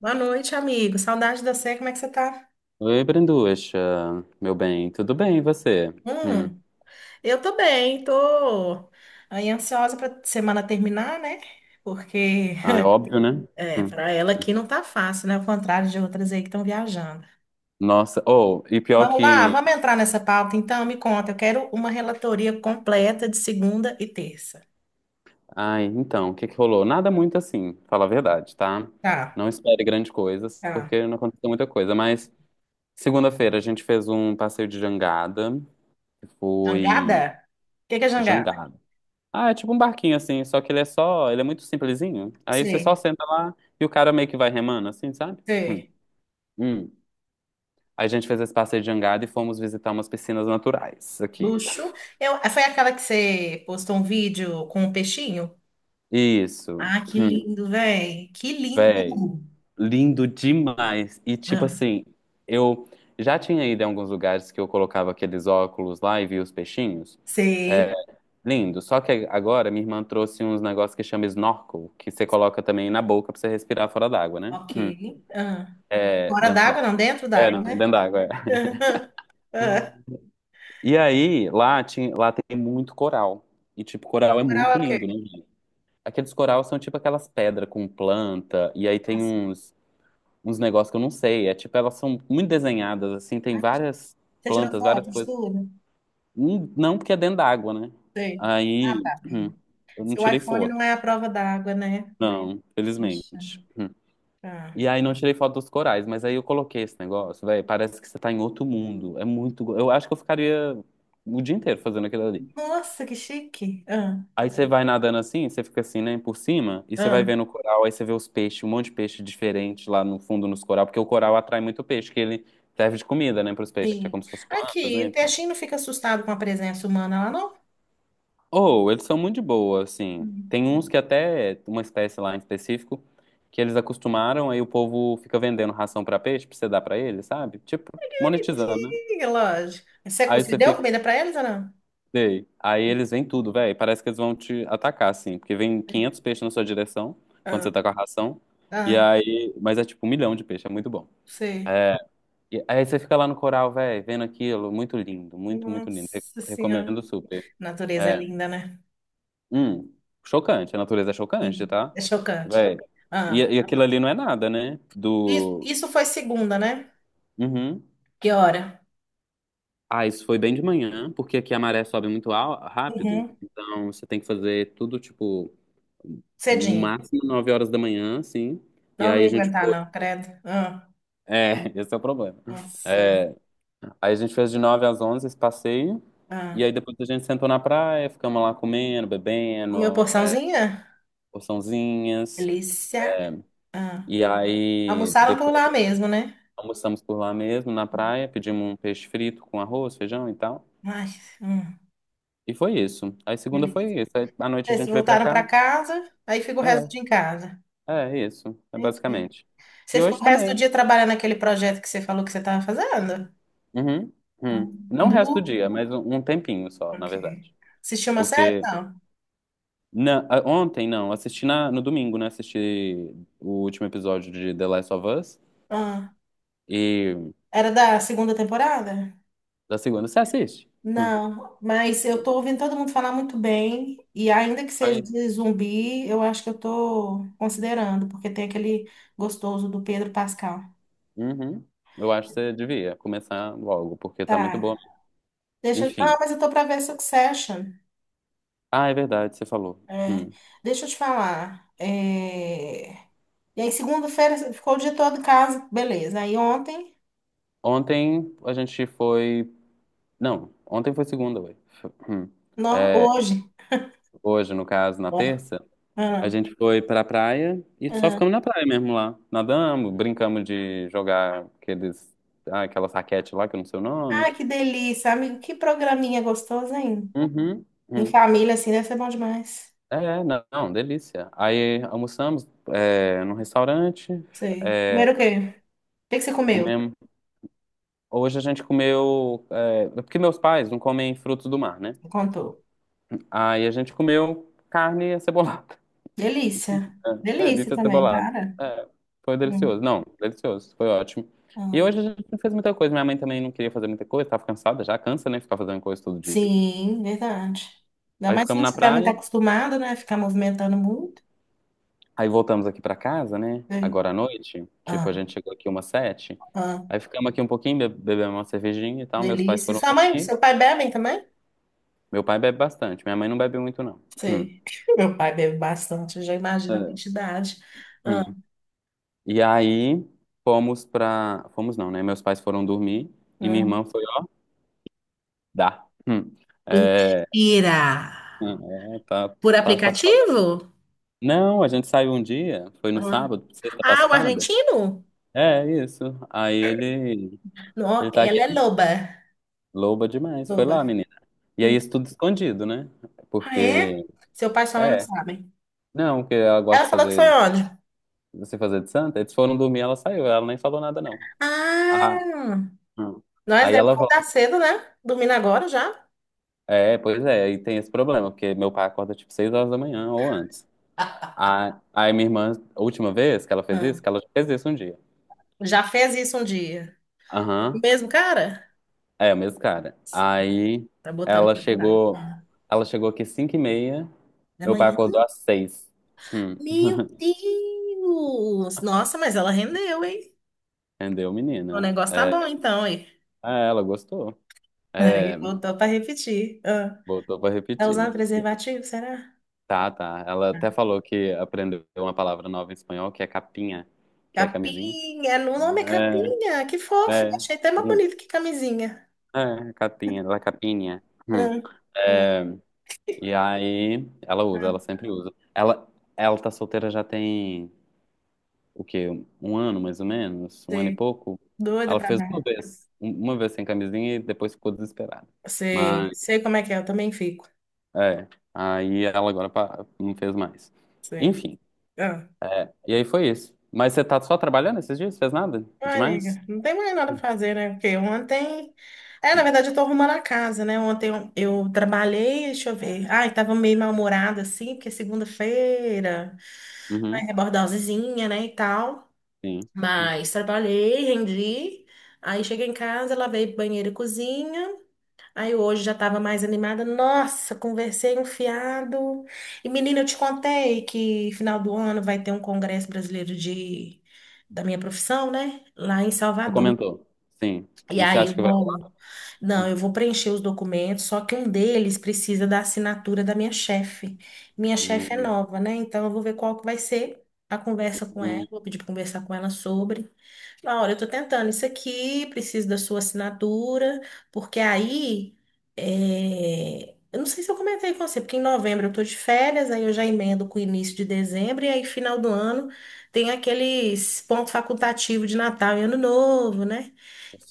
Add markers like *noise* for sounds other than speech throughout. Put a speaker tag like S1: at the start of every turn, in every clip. S1: Boa noite, amigo. Saudade de você. Como é que você tá?
S2: Oi, Branducha, meu bem, tudo bem e você? Hum.
S1: Hum, eu tô bem, tô aí ansiosa pra semana terminar, né? Porque
S2: Ah, é óbvio, né?
S1: *laughs* é,
S2: Hum.
S1: para ela aqui não tá fácil, né? Ao contrário de outras aí que estão viajando.
S2: Nossa, ou, e pior
S1: Vamos lá,
S2: que.
S1: vamos entrar nessa pauta então. Me conta, eu quero uma relatoria completa de segunda e terça.
S2: Ai, então, o que que rolou? Nada muito assim, fala a verdade, tá?
S1: Tá,
S2: Não espere grandes coisas,
S1: tá.
S2: porque não aconteceu muita coisa, mas segunda-feira a gente fez um passeio de jangada, que
S1: Jangada?
S2: foi
S1: O que que é jangada?
S2: jangada. Ah, é tipo um barquinho assim, só que ele é muito simplesinho. Aí você só
S1: Sei,
S2: senta lá e o cara meio que vai remando, assim, sabe? Hum.
S1: sei.
S2: Hum. Aí a gente fez esse passeio de jangada e fomos visitar umas piscinas naturais aqui.
S1: Luxo. Eu, foi aquela que você postou um vídeo com um peixinho?
S2: Isso.
S1: Ah, que
S2: Hum,
S1: lindo, velho. Que lindo.
S2: Véi, lindo demais. E tipo
S1: Ah,
S2: assim, eu já tinha ido em alguns lugares que eu colocava aqueles óculos lá e via os peixinhos. É,
S1: sei.
S2: lindo. Só que agora minha irmã trouxe uns negócios que chama snorkel, que você coloca também na boca pra você respirar fora d'água, né?
S1: Ok.
S2: Hum.
S1: Ah.
S2: É,
S1: Fora
S2: dentro
S1: d'água,
S2: d'água.
S1: não, dentro
S2: É,
S1: d'água,
S2: não,
S1: né?
S2: dentro d'água, é.
S1: *laughs* Ah.
S2: E aí, lá tem muito coral. E tipo, coral é
S1: Oral é
S2: muito
S1: o quê?
S2: lindo, né? Aqueles coral são tipo aquelas pedras com planta, e aí
S1: Ah,
S2: tem
S1: sim.
S2: uns negócios que eu não sei. É tipo, elas são muito desenhadas, assim, tem
S1: Ah,
S2: várias
S1: você tirou
S2: plantas, várias
S1: foto de
S2: coisas.
S1: tudo?
S2: Hum. Não porque é dentro d'água, né?
S1: Sei. Ah,
S2: Aí
S1: tá. Hum.
S2: eu não
S1: Seu
S2: tirei
S1: iPhone não
S2: foto.
S1: é a prova d'água, né?
S2: Não,
S1: Poxa.
S2: felizmente. Hum.
S1: Ah.
S2: E aí não tirei foto dos corais, mas aí eu coloquei esse negócio, velho. Parece que você tá em outro mundo. É muito. Eu acho que eu ficaria o dia inteiro fazendo aquilo ali.
S1: Nossa, que chique. Ah.
S2: Aí você vai nadando assim, você fica assim, né, por cima, e você vai
S1: Ah.
S2: vendo o coral, aí você vê os peixes, um monte de peixe diferente lá no fundo nos coral, porque o coral atrai muito peixe, que ele serve de comida, né, para os peixes, é como
S1: Sim.
S2: se fossem plantas,
S1: Aqui,
S2: né?
S1: o
S2: Então.
S1: peixinho não fica assustado com a presença humana lá, não?
S2: Ou eles são muito de boa, assim.
S1: Hum.
S2: Tem uns que até uma espécie lá em específico que eles acostumaram, aí o povo fica vendendo ração para peixe, pra você dar para eles sabe? Tipo, monetizando, né?
S1: Sim, lógico. Você,
S2: Aí
S1: você
S2: você
S1: deu
S2: fica.
S1: comida pra eles ou não?
S2: Sei. Aí eles vêm tudo, velho. Parece que eles vão te atacar, assim. Porque vem 500 peixes na sua direção, quando
S1: Ah.
S2: você tá com a ração. E
S1: Ah.
S2: aí. Mas é tipo um milhão de peixes, é muito bom.
S1: Sei.
S2: E aí você fica lá no coral, velho, vendo aquilo. Muito lindo, muito, muito lindo.
S1: Nossa Senhora.
S2: Recomendo super.
S1: Natureza é
S2: É.
S1: linda, né?
S2: Hum, Chocante. A natureza é chocante,
S1: Sim,
S2: tá?
S1: é chocante.
S2: Velho. E,
S1: Ah,
S2: e aquilo ali não é nada, né? Do.
S1: isso foi segunda, né?
S2: Uhum.
S1: Que hora?
S2: Ah, isso foi bem de manhã, porque aqui a maré sobe muito rápido.
S1: Uhum.
S2: Então você tem que fazer tudo, tipo. No
S1: Cedinho.
S2: máximo 9 horas da manhã, assim. E
S1: Não, não
S2: aí a
S1: ia
S2: gente.
S1: aguentar, não, credo. Ah,
S2: É, *laughs* esse é o problema.
S1: nossa.
S2: É, aí a gente fez de 9 às 11 esse passeio. E aí
S1: Ah.
S2: depois a gente sentou na praia, ficamos lá comendo,
S1: Comeu
S2: bebendo, é,
S1: porçãozinha?
S2: porçãozinhas.
S1: Delícia. Ah.
S2: E aí
S1: Almoçaram por lá
S2: depois
S1: mesmo, né?
S2: almoçamos por lá mesmo, na praia, pedimos um peixe frito com arroz, feijão e tal.
S1: Ai, hum,
S2: E foi isso. Aí segunda
S1: delícia.
S2: foi isso. Aí à noite a
S1: Eles
S2: gente veio pra
S1: voltaram para
S2: casa.
S1: casa, aí fica o resto do
S2: É,
S1: dia em casa.
S2: é isso. É
S1: Entendi.
S2: basicamente. E
S1: Você ficou
S2: hoje
S1: o resto do
S2: também.
S1: dia trabalhando naquele projeto que você falou que você estava fazendo?
S2: Uhum,
S1: Ah.
S2: uhum. Não o resto do dia, mas um tempinho só, na
S1: Ok.
S2: verdade.
S1: Assistiu uma série?
S2: Porque
S1: Não.
S2: ontem, não, assisti no domingo, né? Assisti o último episódio de The Last of Us
S1: Ah,
S2: e
S1: era da segunda temporada?
S2: da segunda. Você assiste? Hum.
S1: Não, mas eu tô ouvindo todo mundo falar muito bem, e ainda que seja
S2: Aí,
S1: de zumbi, eu acho que eu tô considerando, porque tem aquele gostoso do Pedro Pascal.
S2: uhum. Eu acho que você devia começar logo, porque tá muito
S1: Tá.
S2: boa.
S1: Não,
S2: Enfim.
S1: mas eu tô pra ver Succession.
S2: Ah, é verdade, você falou.
S1: É,
S2: Hum.
S1: deixa eu te falar. É, e aí, segunda-feira, ficou o dia todo em casa, beleza. Aí ontem,
S2: Ontem a gente foi. Não, ontem foi segunda, ué. Hum.
S1: não,
S2: É,
S1: hoje.
S2: hoje, no caso, na
S1: Ó,
S2: terça. A
S1: ah,
S2: gente foi pra praia e só
S1: ah.
S2: ficamos na praia mesmo lá. Nadamos, brincamos de jogar aquela raquete lá, que eu não sei o nome.
S1: Ah, que delícia, amigo. Que programinha gostoso, hein?
S2: Uhum,
S1: Em
S2: uhum.
S1: família, assim, deve ser bom demais.
S2: É, não, não, delícia. Aí almoçamos é, num restaurante,
S1: Sei. Primeiro
S2: é,
S1: o quê? O que que você comeu?
S2: comemos. Hoje a gente comeu, é, porque meus pais não comem frutos do mar, né?
S1: Me contou.
S2: Aí a gente comeu carne acebolada.
S1: Delícia.
S2: É, é,
S1: Delícia
S2: bife
S1: também,
S2: acebolado.
S1: cara.
S2: É, foi delicioso.
S1: Hum.
S2: Não, delicioso. Foi ótimo. E
S1: Ah,
S2: hoje a gente não fez muita coisa. Minha mãe também não queria fazer muita coisa, tava cansada já. Cansa, né? Ficar fazendo coisa todo dia.
S1: sim, verdade. Ainda
S2: Aí
S1: mais se
S2: ficamos
S1: não
S2: na
S1: estiver muito
S2: praia.
S1: acostumado, né? Ficar movimentando muito.
S2: Aí voltamos aqui pra casa, né?
S1: Sei.
S2: Agora à noite. Tipo,
S1: Ah,
S2: a gente chegou aqui umas 7.
S1: ah,
S2: Aí ficamos aqui um pouquinho, bebemos uma cervejinha e tal. Meus pais
S1: delícia.
S2: foram
S1: Sua mãe,
S2: dormir.
S1: seu pai bebem também?
S2: Meu pai bebe bastante. Minha mãe não bebe muito, não. Hum.
S1: Sei. *laughs* Meu pai bebe bastante, eu já imagino a
S2: É.
S1: quantidade. Ah,
S2: Hum. E aí fomos pra... Fomos não, né? Meus pais foram dormir. E minha
S1: hum.
S2: irmã foi... Dá. Hum. É,
S1: Mentira!
S2: ah, é, tá,
S1: Por
S2: tá safado.
S1: aplicativo?
S2: Não, a gente saiu um dia, foi no
S1: Ah.
S2: sábado, sexta
S1: Ah, o
S2: passada.
S1: argentino?
S2: É, isso. Aí ele,
S1: Não,
S2: ele tá
S1: ela
S2: aqui,
S1: é loba.
S2: loba demais, foi
S1: Loba.
S2: lá, menina. E aí
S1: Hum.
S2: isso tudo escondido, né?
S1: Ah, é?
S2: Porque,
S1: Seu pai e sua mãe não
S2: é,
S1: sabem.
S2: não, porque ela gosta
S1: Ela
S2: de
S1: falou que foi
S2: fazer,
S1: onde?
S2: você fazer de santa, eles foram dormir, ela saiu, ela nem falou nada, não. Ah,
S1: Ah,
S2: hum.
S1: nós
S2: Aí
S1: devemos
S2: ela
S1: acordar
S2: volta.
S1: cedo, né? Dormindo agora já?
S2: É, pois é, aí tem esse problema, porque meu pai acorda tipo 6 horas da manhã ou antes.
S1: *laughs*
S2: Aí minha irmã, a última vez que ela fez
S1: Ah,
S2: isso, que ela já fez isso um dia.
S1: já fez isso um dia. O
S2: Aham.
S1: mesmo cara?
S2: É, o mesmo cara.
S1: S-
S2: Aí
S1: Tá botando
S2: ela
S1: pra curar.
S2: chegou,
S1: Ah,
S2: ela chegou aqui 5h30,
S1: da
S2: meu
S1: manhã?
S2: pai acordou às 6. Hum.
S1: Meu
S2: *laughs*
S1: Deus! Nossa, mas ela rendeu, hein?
S2: Entendeu,
S1: O
S2: menina?
S1: negócio tá
S2: É,
S1: bom então, hein?
S2: ah, ela gostou. É,
S1: Aí voltou pra repetir. Ah,
S2: botou pra
S1: tá usando
S2: repetir.
S1: preservativo, será?
S2: Tá, tá. Ela até falou que aprendeu uma palavra nova em espanhol, que é capinha, que é camisinha.
S1: Capinha, no nome é capinha, que
S2: É,
S1: fofo.
S2: é,
S1: Achei até mais
S2: hum,
S1: bonito que camisinha.
S2: é, capinha, la capinha. Hum.
S1: Ah,
S2: É, e aí ela
S1: ah,
S2: sempre usa. Ela tá solteira já tem o quê? Um ano, mais ou menos? Um ano e
S1: sei.
S2: pouco?
S1: Doida
S2: Ela
S1: pra
S2: fez uma
S1: ver.
S2: vez. Uma vez sem camisinha e depois ficou desesperada.
S1: Sei,
S2: Mas,
S1: sei como é que é, eu também fico.
S2: é. Aí ela agora não fez mais.
S1: Sei.
S2: Enfim.
S1: Ah,
S2: E aí foi isso. Mas você tá só trabalhando esses dias? Fez nada?
S1: ah,
S2: Demais?
S1: nega, não tem mais nada pra fazer, né? Porque ontem. É, na
S2: Não.
S1: verdade, eu tô arrumando a casa, né? Eu trabalhei, deixa eu ver. Ai, tava meio mal-humorada, assim, porque é segunda-feira, vai
S2: Uhum,
S1: rebordar osizinha, né, e tal.
S2: sim.
S1: Mas trabalhei, rendi. Aí cheguei em casa, lavei banheiro e cozinha. Aí hoje já estava mais animada. Nossa, conversei um fiado. E menina, eu te contei que final do ano vai ter um congresso brasileiro de da minha profissão, né? Lá em
S2: Você
S1: Salvador.
S2: comentou. Sim.
S1: E
S2: E você
S1: aí eu
S2: acha que vai.
S1: vou, não, eu vou preencher os documentos, só que um deles precisa da assinatura da minha chefe. Minha chefe é
S2: Uhum,
S1: nova, né? Então eu vou ver qual que vai ser a conversa com ela, vou pedir para conversar com ela sobre. Laura, eu estou tentando isso aqui, preciso da sua assinatura, porque aí, é, eu não sei se eu comentei com você, porque em novembro eu estou de férias, aí eu já emendo com o início de dezembro, e aí final do ano tem aqueles pontos facultativos de Natal e Ano Novo, né?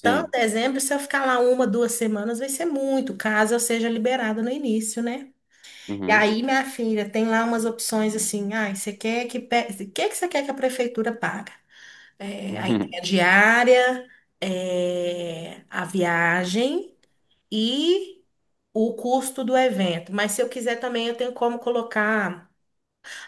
S1: Então, dezembro, se eu ficar lá uma, duas semanas, vai ser muito, caso eu seja liberada no início, né? E
S2: Uhum.
S1: aí, minha filha, tem lá umas opções assim, ah, você quer que, o que que você quer que a prefeitura pague? É, aí tem a
S2: *laughs*
S1: diária, é, a viagem e o custo do evento. Mas se eu quiser também, eu tenho como colocar.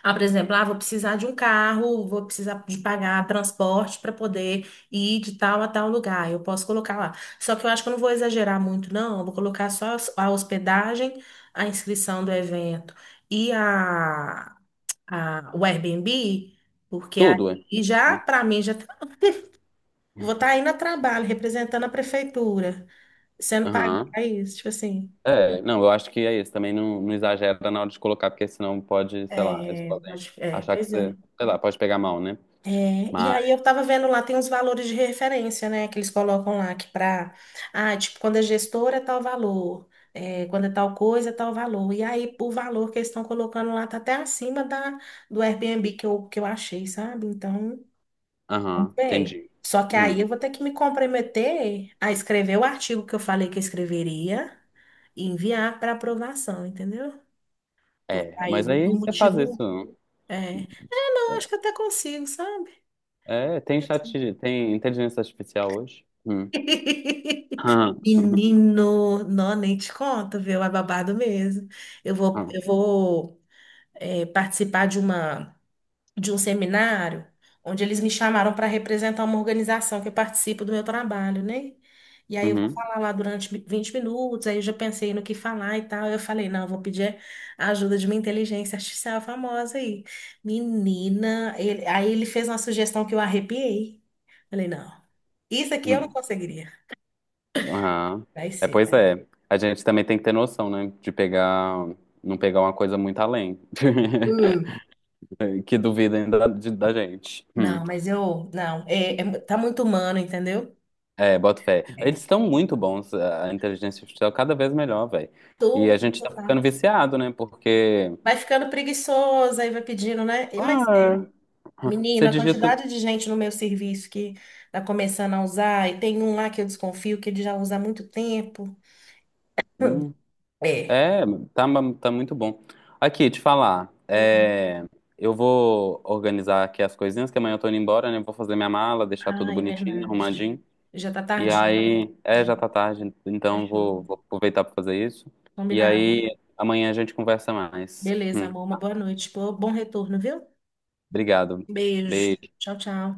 S1: Ah, por exemplo, ah, vou precisar de um carro, vou precisar de pagar transporte para poder ir de tal a tal lugar. Eu posso colocar lá. Só que eu acho que eu não vou exagerar muito, não. Eu vou colocar só a hospedagem, a inscrição do evento e a, a, o Airbnb, porque
S2: Tudo, é?
S1: aí já, para mim, já. Vou estar aí no trabalho, representando a prefeitura, sendo pago
S2: Uhum.
S1: para isso, tipo assim.
S2: É, não, eu acho que é isso. Também não, não exagera na hora de colocar, porque senão pode, sei lá, eles
S1: É,
S2: podem
S1: é,
S2: achar que
S1: pois
S2: você,
S1: é.
S2: sei lá, pode pegar mal, né?
S1: É, e aí
S2: Mas,
S1: eu tava vendo lá, tem uns valores de referência, né, que eles colocam lá, que pra, ah, tipo, quando é gestora é tal valor, é, quando é tal coisa é tal valor. E aí o valor que eles estão colocando lá tá até acima da, do Airbnb que eu achei, sabe? Então,
S2: aham,
S1: bem.
S2: entendi.
S1: Só que
S2: Hum,
S1: aí eu vou ter que me comprometer a escrever o artigo que eu falei que eu escreveria e enviar para aprovação, entendeu? Porque
S2: É,
S1: aí eu
S2: mas
S1: vou ter
S2: aí
S1: um
S2: você faz
S1: motivo.
S2: isso.
S1: É, é, não, acho que até consigo, sabe?
S2: É, é, tem chat, tem inteligência artificial hoje? Hum.
S1: *laughs*
S2: Aham, uhum,
S1: Menino, não, nem te conto, viu? É babado mesmo.
S2: aham,
S1: Eu vou, é, participar de uma. De um seminário onde eles me chamaram para representar uma organização que participa do meu trabalho, né? E aí eu vou
S2: uhum,
S1: falar lá durante 20 minutos, aí eu já pensei no que falar e tal. Eu falei, não, eu vou pedir a ajuda de uma inteligência artificial famosa aí. Menina, aí ele fez uma sugestão que eu arrepiei. Falei, não, isso aqui eu não
S2: uhum,
S1: conseguiria.
S2: aham.
S1: Vai
S2: É,
S1: ser.
S2: pois é. A gente também tem que ter noção, né? De pegar, não pegar uma coisa muito além, *laughs*
S1: Hum.
S2: que duvidem da gente. Hum.
S1: Não, mas eu, não, é, é tá muito humano, entendeu?
S2: É, boto fé. Eles
S1: É.
S2: estão muito bons, a inteligência artificial cada vez melhor, velho. E a
S1: Tudo,
S2: gente tá ficando
S1: tá?
S2: viciado, né? Porque
S1: Vai ficando preguiçoso, aí vai pedindo, né? E mas
S2: ah, você
S1: menina, a
S2: digita.
S1: quantidade de gente no meu serviço que tá começando a usar, e tem um lá que eu desconfio que ele já usa há muito tempo.
S2: Hum,
S1: *laughs* É.
S2: É, tá, tá muito bom. Aqui, te falar.
S1: Hum.
S2: É, eu vou organizar aqui as coisinhas, que amanhã eu tô indo embora, né? Vou fazer minha mala, deixar tudo
S1: Ah, é
S2: bonitinho,
S1: verdade.
S2: arrumadinho.
S1: Já tá
S2: E
S1: tardinho.
S2: aí,
S1: É,
S2: é, já tá tarde, então eu
S1: fechou.
S2: vou aproveitar pra fazer isso. E
S1: Combinado.
S2: aí, amanhã a gente conversa mais.
S1: Beleza, amor. Uma boa noite. Pô, bom retorno, viu?
S2: Obrigado.
S1: Beijo.
S2: Beijo.
S1: Tchau, tchau.